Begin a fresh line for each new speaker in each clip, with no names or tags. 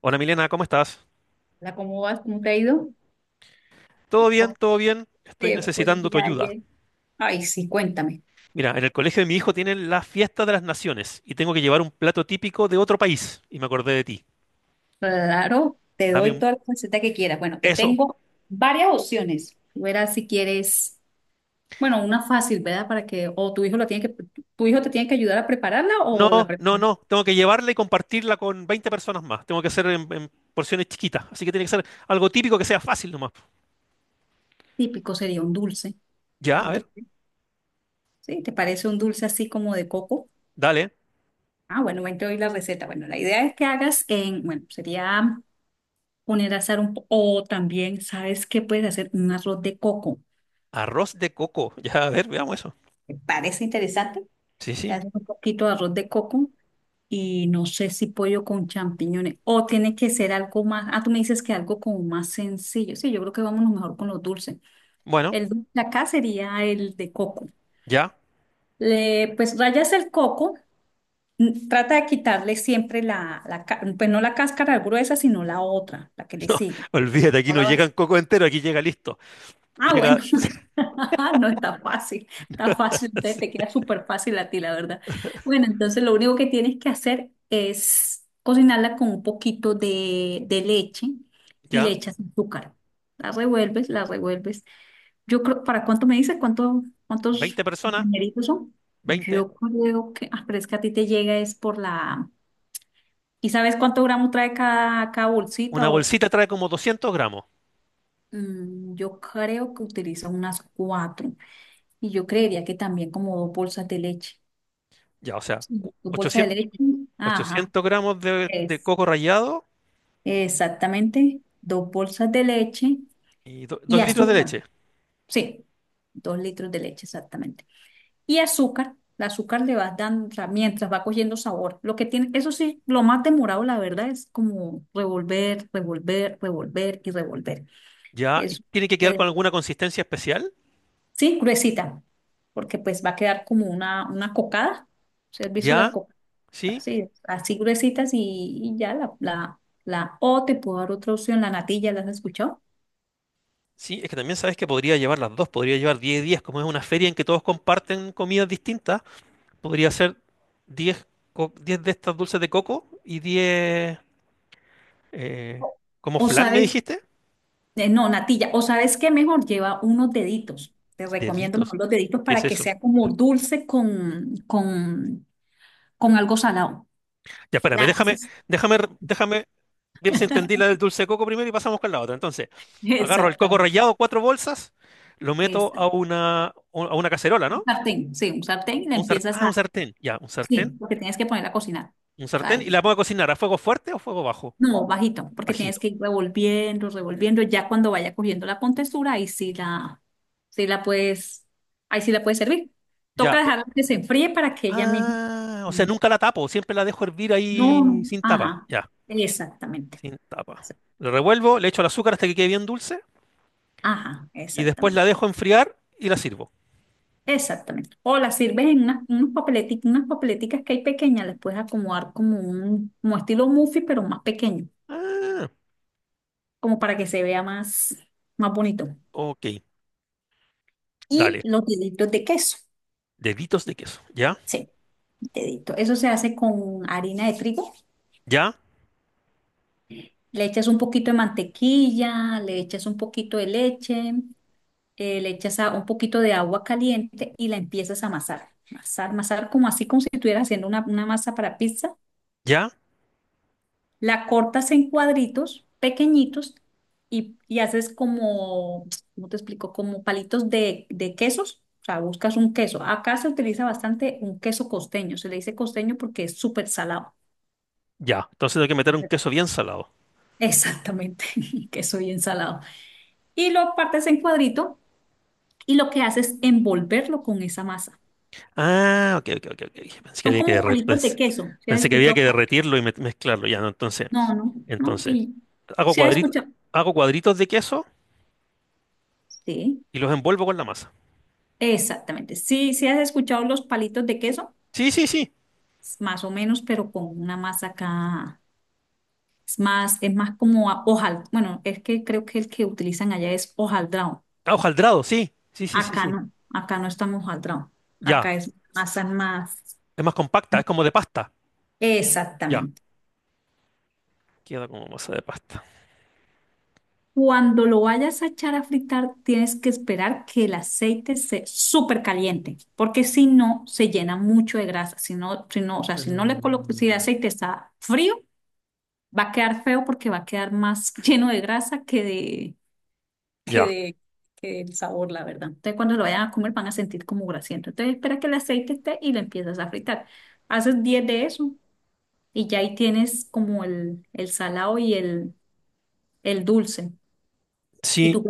Hola Milena, ¿cómo estás?
Hola, ¿cómo vas? ¿Cómo te ha ido?
¿Todo bien?
¿Cómo
¿Todo bien? Estoy
te fue el
necesitando tu
día
ayuda.
ayer? Ay, sí, cuéntame.
Mira, en el colegio de mi hijo tienen la fiesta de las naciones y tengo que llevar un plato típico de otro país y me acordé de ti.
Claro, te
Dame
doy
un...
toda la receta que quieras. Bueno, te
Eso.
tengo varias opciones. Tú verás si quieres, bueno, una fácil, ¿verdad? Para que, o tu hijo te tiene que ayudar a prepararla
No,
o la
no,
prepara.
no. Tengo que llevarla y compartirla con 20 personas más. Tengo que hacer en porciones chiquitas. Así que tiene que ser algo típico que sea fácil nomás.
Típico sería un dulce.
Ya, a
¿No
ver.
te, sí, te parece un dulce así como de coco?
Dale.
Ah, bueno, ven, te doy la receta. Bueno, la idea es que hagas en, bueno, sería poner a hacer o también, ¿sabes qué puedes hacer? Un arroz de coco.
Arroz de coco. Ya, a ver, veamos eso.
¿Te parece interesante?
Sí,
Le
sí.
haces un poquito de arroz de coco y no sé si pollo con champiñones o tiene que ser algo más. Ah, tú me dices que algo como más sencillo. Sí, yo creo que vámonos mejor con los dulces.
Bueno,
El dulce de acá sería el de coco.
ya.
Pues rayas el coco, trata de quitarle siempre la pues no la cáscara gruesa, sino la otra, la que le sigue.
Olvídate, aquí
No
no
la
llegan
vas
coco entero, aquí llega listo.
Ah,
Llega...
bueno, no está fácil, está fácil, te queda súper fácil a ti, la verdad. Bueno, entonces lo único que tienes que hacer es cocinarla con un poquito de leche y le
Ya.
echas azúcar. La revuelves, la revuelves. Yo creo, ¿para cuánto me dices? ¿Cuánto,
20
cuántos
personas.
compañeritos son?
20.
Yo creo que, pero es que a ti te llega es por la... ¿Y sabes cuánto gramos trae cada bolsita?
Una bolsita trae como 200 gramos.
Yo creo que utilizas unas cuatro. Y yo creería que también como dos bolsas de leche.
Ya, o sea,
Sí. Dos bolsas
ochocientos,
de leche. Ajá,
800 gramos de
es.
coco rallado
Exactamente, dos bolsas de leche
y
y
2 litros de
azúcar.
leche.
Sí, dos litros de leche, exactamente. Y azúcar, el azúcar le vas dando, o sea, mientras va cogiendo sabor. Lo que tiene, eso sí, lo más demorado, la verdad, es como revolver, revolver, revolver y revolver.
Ya, y
Eso,
tiene que quedar
eh,
con alguna consistencia especial.
sí, gruesita, porque pues va a quedar como una cocada. ¿Se has visto la
Ya,
cocada?
sí,
Así es, así gruesitas y ya la, la, la o te puedo dar otra opción, la natilla, ¿las has escuchado?
sí, es que también sabes que podría llevar las dos, podría llevar 10 días, como es una feria en que todos comparten comidas distintas, podría ser 10, 10 de estas dulces de coco y 10, eh,
O
como
o
flan, me
sabes,
dijiste,
no, natilla, o sabes que mejor lleva unos deditos. Te recomiendo
deditos.
mejor los deditos
¿Qué es
para que
eso?
sea como dulce con algo salado.
Ya, espérame,
La,
déjame, déjame, déjame. Bien, si entendí la del dulce de coco primero y pasamos con la otra. Entonces, agarro el coco
Exactamente,
rallado, cuatro bolsas, lo meto
exacto.
a una cacerola,
Un
¿no?
sartén, sí, un sartén,
A un un sartén, ya,
sí, porque tienes que poner a cocinar.
un
O sea,
sartén, y la pongo a cocinar a fuego fuerte o fuego bajo,
no, bajito, porque tienes
bajito.
que ir revolviendo, revolviendo. Ya cuando vaya cogiendo la contextura, sí la puedes, ahí sí la puedes servir.
Ya.
Toca dejarla que se enfríe para que ella misma.
Ah, o sea,
Mm,
nunca la tapo, siempre la dejo hervir
no,
ahí
no,
sin tapa,
ajá,
ya,
exactamente.
sin tapa. Lo revuelvo, le echo el azúcar hasta que quede bien dulce
Ajá,
y después la
exactamente.
dejo enfriar y la sirvo.
Exactamente. O las sirves en unas, unas papeleticas que hay pequeñas, les puedes acomodar como un como estilo muffin, pero más pequeño,
Ah,
como para que se vea más bonito.
ok,
Y
dale,
los deditos de queso.
deditos de queso, ya,
Sí. Dedito. Eso se hace con harina de trigo.
ya,
Le echas un poquito de mantequilla, le echas un poquito de leche, le echas un poquito de agua caliente y la empiezas a amasar. Amasar, amasar como así, como si estuvieras haciendo una masa para pizza.
ya.
La cortas en cuadritos pequeñitos y haces como, ¿cómo te explico? Como palitos de quesos. O sea, buscas un queso. Acá se utiliza bastante un queso costeño. Se le dice costeño porque es súper salado.
Ya, entonces tengo que meter un queso bien salado.
Exactamente, queso bien salado. Y lo partes en cuadrito y lo que haces es envolverlo con esa masa.
Ah, ok, ok, ok, ok. Pensé que
Son
había que
como
derre-
palitos de
pues,
queso. ¿Si has
pensé que había
escuchado?
que derretirlo y mezclarlo. Ya, no, entonces,
No, no, no.
entonces, hago
¿Si has
cuadritos,
escuchado?
hago cuadritos de queso
Sí,
y los envuelvo con la masa.
exactamente. Sí, sí has escuchado los palitos de queso,
Sí, sí, sí.
más o menos, pero con una masa acá. Es más como hojal. Bueno, es que creo que el que utilizan allá es hojaldrado.
Ah, hojaldrado, sí. Sí, sí, sí, sí.
Acá no estamos hojaldrado. Acá
Ya.
es masa más.
Es más compacta, es como de pasta. Ya.
Exactamente.
Queda como masa de pasta.
Cuando lo vayas a echar a fritar, tienes que esperar que el aceite se súper caliente, porque si no, se llena mucho de grasa. Si no, si no, o sea, si no le colocas, si el
Mm.
aceite está frío, va a quedar feo porque va a quedar más lleno de grasa que
Ya.
de, que del sabor, la verdad. Entonces, cuando lo vayan a comer, van a sentir como grasiento. Entonces, espera que el aceite esté y lo empiezas a fritar. Haces 10 de eso y ya ahí tienes como el salado y el dulce. Y
Sí,
tú,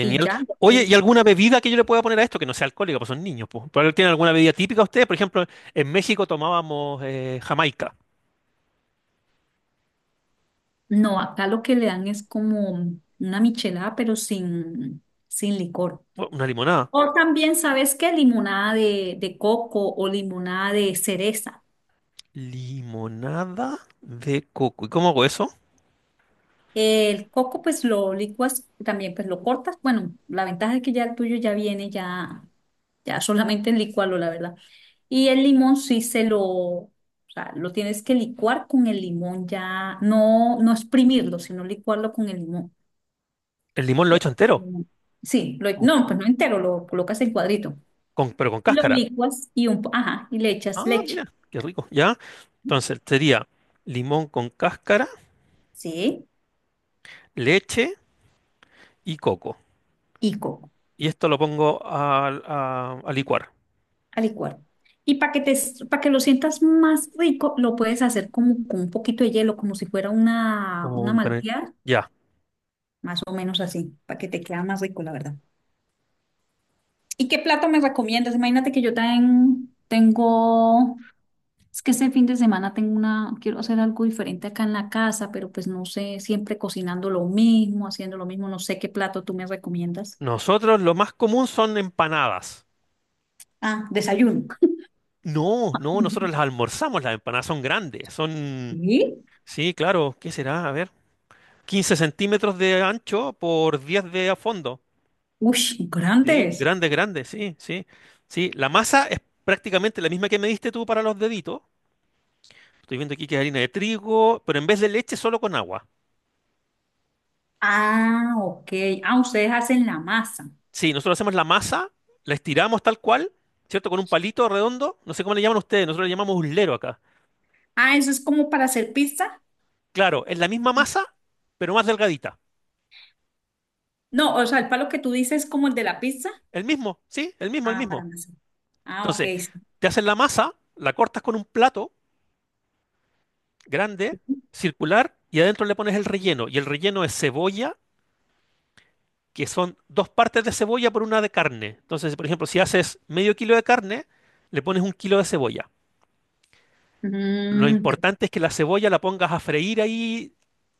y ya.
Oye, ¿y alguna bebida que yo le pueda poner a esto que no sea alcohólica, pues son niños, pues? ¿Pero tienen alguna bebida típica ustedes? Por ejemplo, en México tomábamos Jamaica.
No, acá lo que le dan es como una michelada, pero sin licor.
Una limonada.
O también, ¿sabes qué? Limonada de coco o limonada de cereza.
Limonada de coco. ¿Y cómo hago eso?
El coco, pues lo licuas, también pues lo cortas. Bueno, la ventaja es que ya el tuyo ya viene, ya solamente licuarlo, la verdad. Y el limón sí se lo, o sea, lo tienes que licuar con el limón ya, no, no exprimirlo, sino licuarlo con el limón.
El limón lo he hecho
Lo-
entero,
Sí,
con-
no, pues no entero, lo colocas en cuadrito.
pero con
Y lo
cáscara.
licuas y ajá, y le echas
Ah,
leche,
mira, qué rico. ¿Ya? Entonces, sería limón con cáscara,
¿sí?
leche y coco.
Y coco
Y esto lo pongo a licuar.
a licuar. Y para que lo sientas más rico, lo puedes hacer como con un poquito de hielo, como si fuera una,
Como
una
un gran-
malteada,
Ya.
más o menos así, para que te quede más rico, la verdad. ¿Y qué plato me recomiendas? Imagínate que yo también tengo, es que este fin de semana tengo una, quiero hacer algo diferente acá en la casa, pero pues no sé, siempre cocinando lo mismo, haciendo lo mismo, no sé qué plato tú me recomiendas.
Nosotros lo más común son empanadas.
Ah, desayuno.
No, no, nosotros las almorzamos, las empanadas son grandes, son,
¿Y?
sí, claro, ¿qué será? A ver, 15 centímetros de ancho por 10 de a fondo.
Uy,
Sí,
grandes.
grande, grande, sí, sí. Sí, la masa es prácticamente la misma que me diste tú para los deditos. Estoy viendo aquí que es harina de trigo, pero en vez de leche solo con agua.
Ah, ok. Ah, ustedes hacen la masa.
Sí, nosotros hacemos la masa, la estiramos tal cual, ¿cierto? Con un palito redondo, no sé cómo le llaman ustedes, nosotros le llamamos uslero acá.
Ah, eso es como para hacer pizza.
Claro, es la misma masa, pero más delgadita.
No, o sea, el palo que tú dices es como el de la pizza.
El mismo, sí, el mismo, el
Ah, para
mismo.
masa. Ah, ok,
Entonces,
sí.
te haces la masa, la cortas con un plato grande, circular, y adentro le pones el relleno. Y el relleno es cebolla, que son dos partes de cebolla por una de carne. Entonces, por ejemplo, si haces medio kilo de carne, le pones un kilo de cebolla. Lo
Mm, te-
importante es que la cebolla la pongas a freír ahí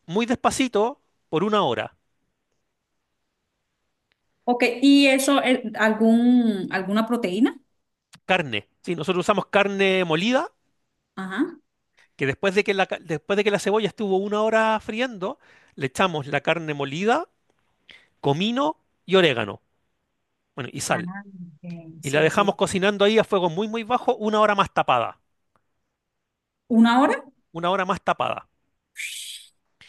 muy despacito por una hora.
ok, ¿y eso, alguna proteína?
Carne. Sí, nosotros usamos carne molida,
Ajá.
que después de que después de que la cebolla estuvo una hora friendo, le echamos la carne molida, comino y orégano. Bueno, y
Ah,
sal.
ok,
Y la
sí,
dejamos
sí.
cocinando ahí a fuego muy, muy bajo, una hora más tapada.
¿Una hora?
Una hora más tapada.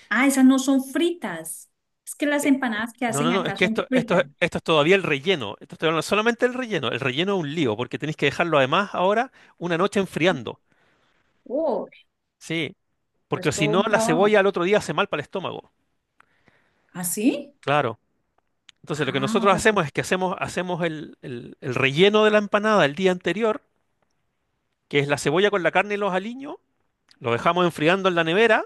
Ah, esas no son fritas. Es que las empanadas que
No, no,
hacen
no, es
acá
que
son
esto,
fritas.
es todavía el relleno. Esto estoy hablando solamente el relleno. El relleno es un lío, porque tenéis que dejarlo además ahora una noche enfriando.
Oh,
Sí, porque
es
si
todo
no,
un
la
trabajo.
cebolla al otro día hace mal para el estómago.
¿Ah, sí?
Claro. Entonces, lo que
Ah,
nosotros
ok.
hacemos es que hacemos el relleno de la empanada el día anterior, que es la cebolla con la carne y los aliños. Lo dejamos enfriando en la nevera.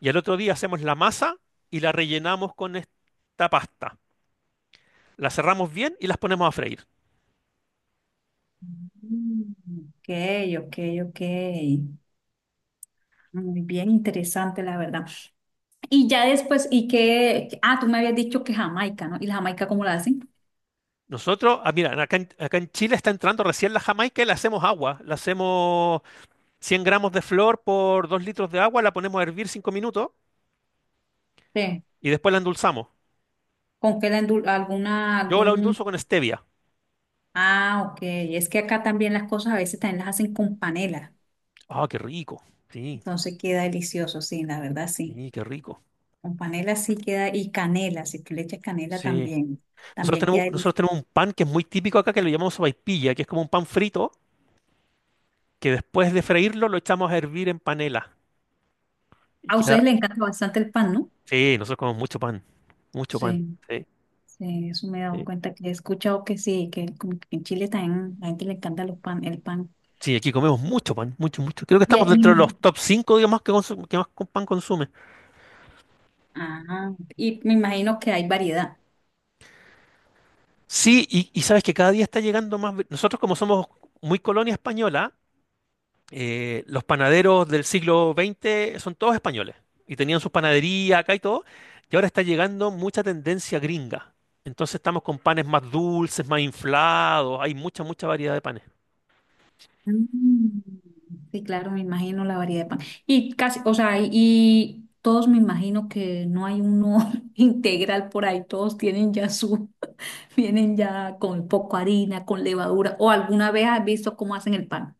Y al otro día hacemos la masa y la rellenamos con esta pasta. La cerramos bien y las ponemos a freír.
Mm, ok, ok, ok. Muy bien, interesante, la verdad. Y ya después, ¿y qué? Ah, tú me habías dicho que Jamaica, ¿no? ¿Y la Jamaica cómo la hacen?
Nosotros, ah, mira, acá en Chile está entrando recién la jamaica y la hacemos agua. La hacemos 100 gramos de flor por 2 litros de agua, la ponemos a hervir 5 minutos
Sí.
y después la endulzamos.
¿Con qué la endul- alguna,
Yo la
algún?
endulzo con stevia.
Ah, ok. Es que acá también las cosas a veces también las hacen con panela.
Ah, qué rico. Sí,
Entonces queda delicioso, sí, la verdad, sí.
sí, qué rico.
Con panela sí queda, y canela, si tú le echas canela
Sí.
también,
Nosotros
también
tenemos,
queda
nosotros
delicioso.
tenemos un pan que es muy típico acá, que lo llamamos sopaipilla, que es como un pan frito, que después de freírlo lo echamos a hervir en panela.
A ustedes les encanta bastante el pan, ¿no?
Sí, nosotros comemos mucho pan, mucho pan.
Sí.
Sí,
Sí, eso me he dado
sí.
cuenta que he escuchado que sí, que como que en Chile también la gente le encanta los pan, el pan.
Sí, aquí comemos mucho pan, mucho, mucho. Creo que
Y,
estamos
me
dentro de los
imagino,
top 5, digamos, que más con pan consume.
y me imagino que hay variedad.
Sí, y sabes que cada día está llegando más. Nosotros como somos muy colonia española, los panaderos del siglo XX son todos españoles y tenían sus panaderías acá y todo, y ahora está llegando mucha tendencia gringa. Entonces estamos con panes más dulces, más inflados, hay mucha, mucha variedad de panes.
Mm. Sí, claro, me imagino la variedad de pan. Y casi, o sea, y todos me imagino que no hay uno integral por ahí, todos tienen ya su, vienen ya con poco harina, con levadura, o alguna vez has visto cómo hacen el pan,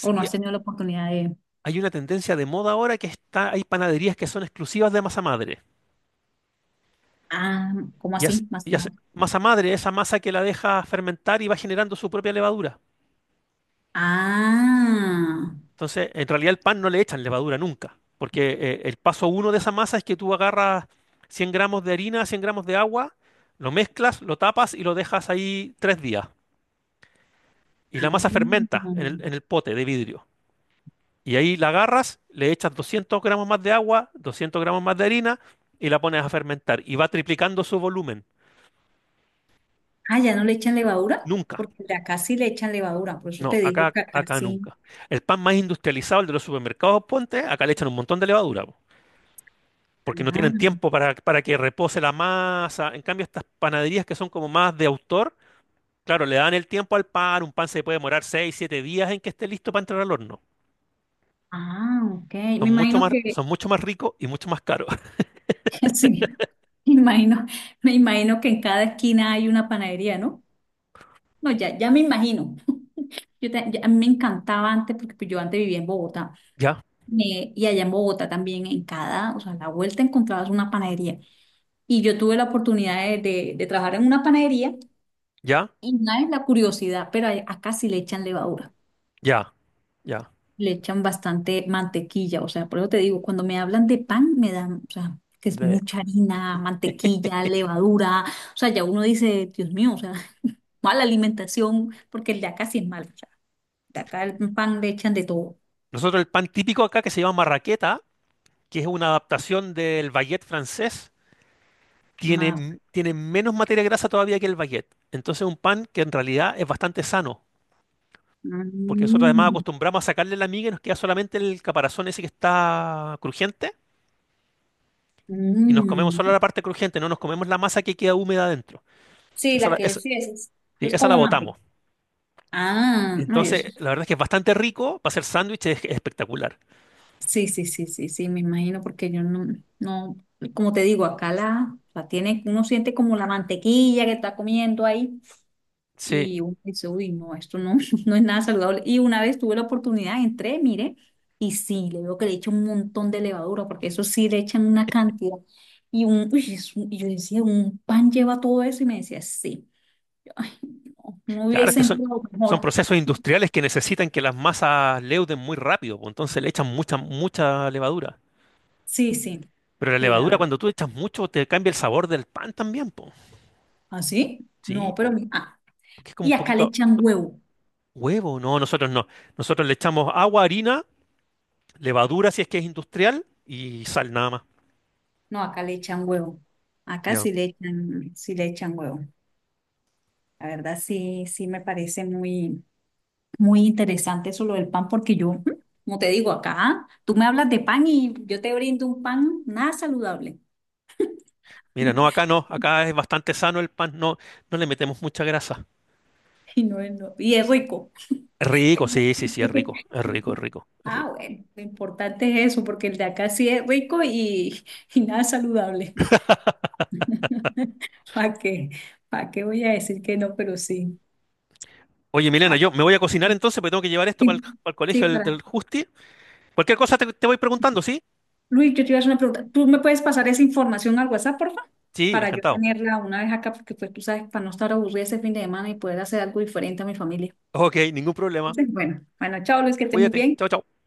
o no has tenido la oportunidad de,
Hay una tendencia de moda ahora que está, hay panaderías que son exclusivas de masa madre.
ah, ¿cómo
Y hace-
así? Más
y
o
hace-
menos.
masa madre, esa masa que la deja fermentar y va generando su propia levadura.
Ah.
Entonces, en realidad el pan no le echan levadura nunca, porque el paso uno de esa masa es que tú agarras 100 gramos de harina, 100 gramos de agua, lo mezclas, lo tapas y lo dejas ahí 3 días. Y la masa fermenta en el pote de vidrio. Y ahí la agarras, le echas 200 gramos más de agua, 200 gramos más de harina y la pones a fermentar. Y va triplicando su volumen.
Ah, ya no le echan levadura,
Nunca.
porque el de acá sí le echan levadura, por eso
No,
te
acá,
digo que acá
acá
sí.
nunca. El pan más industrializado, el de los supermercados, ponte, acá le echan un montón de levadura, po, porque no
Ah,
tienen tiempo para que repose la masa. En cambio, estas panaderías que son como más de autor, claro, le dan el tiempo al pan, un pan se puede demorar 6 7 días en que esté listo para entrar al horno.
ah, ok.
Son
Me
mucho
imagino
más,
que,
son mucho más ricos y mucho más caros.
sí, me imagino, me imagino que en cada esquina hay una panadería, ¿no? No, ya me imagino. A mí me encantaba antes, porque pues, yo antes vivía en Bogotá,
Ya,
y allá en Bogotá también, en cada, o sea, a la vuelta encontrabas una panadería. Y yo tuve la oportunidad de trabajar en una panadería,
ya,
y nada es la curiosidad, pero acá sí le echan levadura.
ya, ya.
Le echan bastante mantequilla, o sea, por eso te digo, cuando me hablan de pan, me dan, o sea, que es
De-
mucha harina, mantequilla, levadura, o sea, ya uno dice, Dios mío, o sea, mala alimentación, porque el de acá sí es malo, o sea, de acá el pan le echan de todo,
Nosotros el pan típico acá que se llama marraqueta, que es una adaptación del baguette francés, tiene,
más.
m- tiene menos materia grasa todavía que el baguette. Entonces un pan que en realidad es bastante sano, porque nosotros además
Mm,
acostumbramos a sacarle la miga y nos queda solamente el caparazón ese que está crujiente y nos comemos
mm.
solo la parte crujiente, no nos comemos la masa que queda húmeda adentro.
Sí,
Esa
la
la,
que
esa,
sí es, es,
sí,
es
esa la
como
botamos.
mantequilla. Ah, no, yo
Entonces, la verdad es que es bastante rico para hacer sándwich, es espectacular.
sí, sí, sí, sí, sí, sí, me imagino, porque yo no, no, como te digo, acá la tiene, uno siente como la mantequilla que está comiendo ahí. Y
Sí,
uno dice, uy, no, esto no, no es nada saludable. Y una vez tuve la oportunidad, entré, mire, y sí, le veo que le echan un montón de levadura, porque eso sí le echan una cantidad. Y, un, uy, es y yo decía, ¿un pan lleva todo eso? Y me decía, sí. Ay, no, no
claro, es
hubiese
que son,
entrado
son
mejor.
procesos industriales que necesitan que las masas leuden muy rápido, pues, entonces le echan mucha, mucha levadura.
Sí, sí,
Pero la
sí, la
levadura,
verdad.
cuando tú echas mucho, te cambia el sabor del pan también, po.
¿Ah, sí?
Sí,
No, pero...
po,
mi- ah,
porque es como
y
un
acá le
poquito
echan huevo.
huevo. No, nosotros no. Nosotros le echamos agua, harina, levadura si es que es industrial y sal nada más.
No, acá le echan huevo. Acá
Ya.
sí le echan huevo. La verdad, sí, sí me parece muy... Muy interesante eso lo del pan, porque yo, como te digo, acá tú me hablas de pan y yo te brindo un pan nada saludable.
Mira, no, acá no. Acá es bastante sano el pan. No, no le metemos mucha grasa.
Y no es, y es rico.
Rico, sí, sí, sí, es rico. Es rico, es rico, es
Ah,
rico.
bueno, lo importante es eso, porque el de acá sí es rico y, y nada saludable. ¿Para qué? ¿Para qué voy a decir que no? Pero sí.
Oye, Milena,
Ah,
yo me voy a cocinar entonces porque tengo que llevar esto para
sí, sí,
colegio del,
para
del Justi. Cualquier cosa te voy preguntando, ¿sí?
Luis, yo te iba a hacer una pregunta. ¿Tú me puedes pasar esa información al WhatsApp, por favor?
Sí,
Para yo
encantado.
tenerla una vez acá, porque pues tú sabes, para no estar aburrida ese fin de semana y poder hacer algo diferente a mi familia.
Ok, ningún problema.
Entonces, bueno, chao Luis, que estés muy
Cuídate.
bien.
Chao, chao.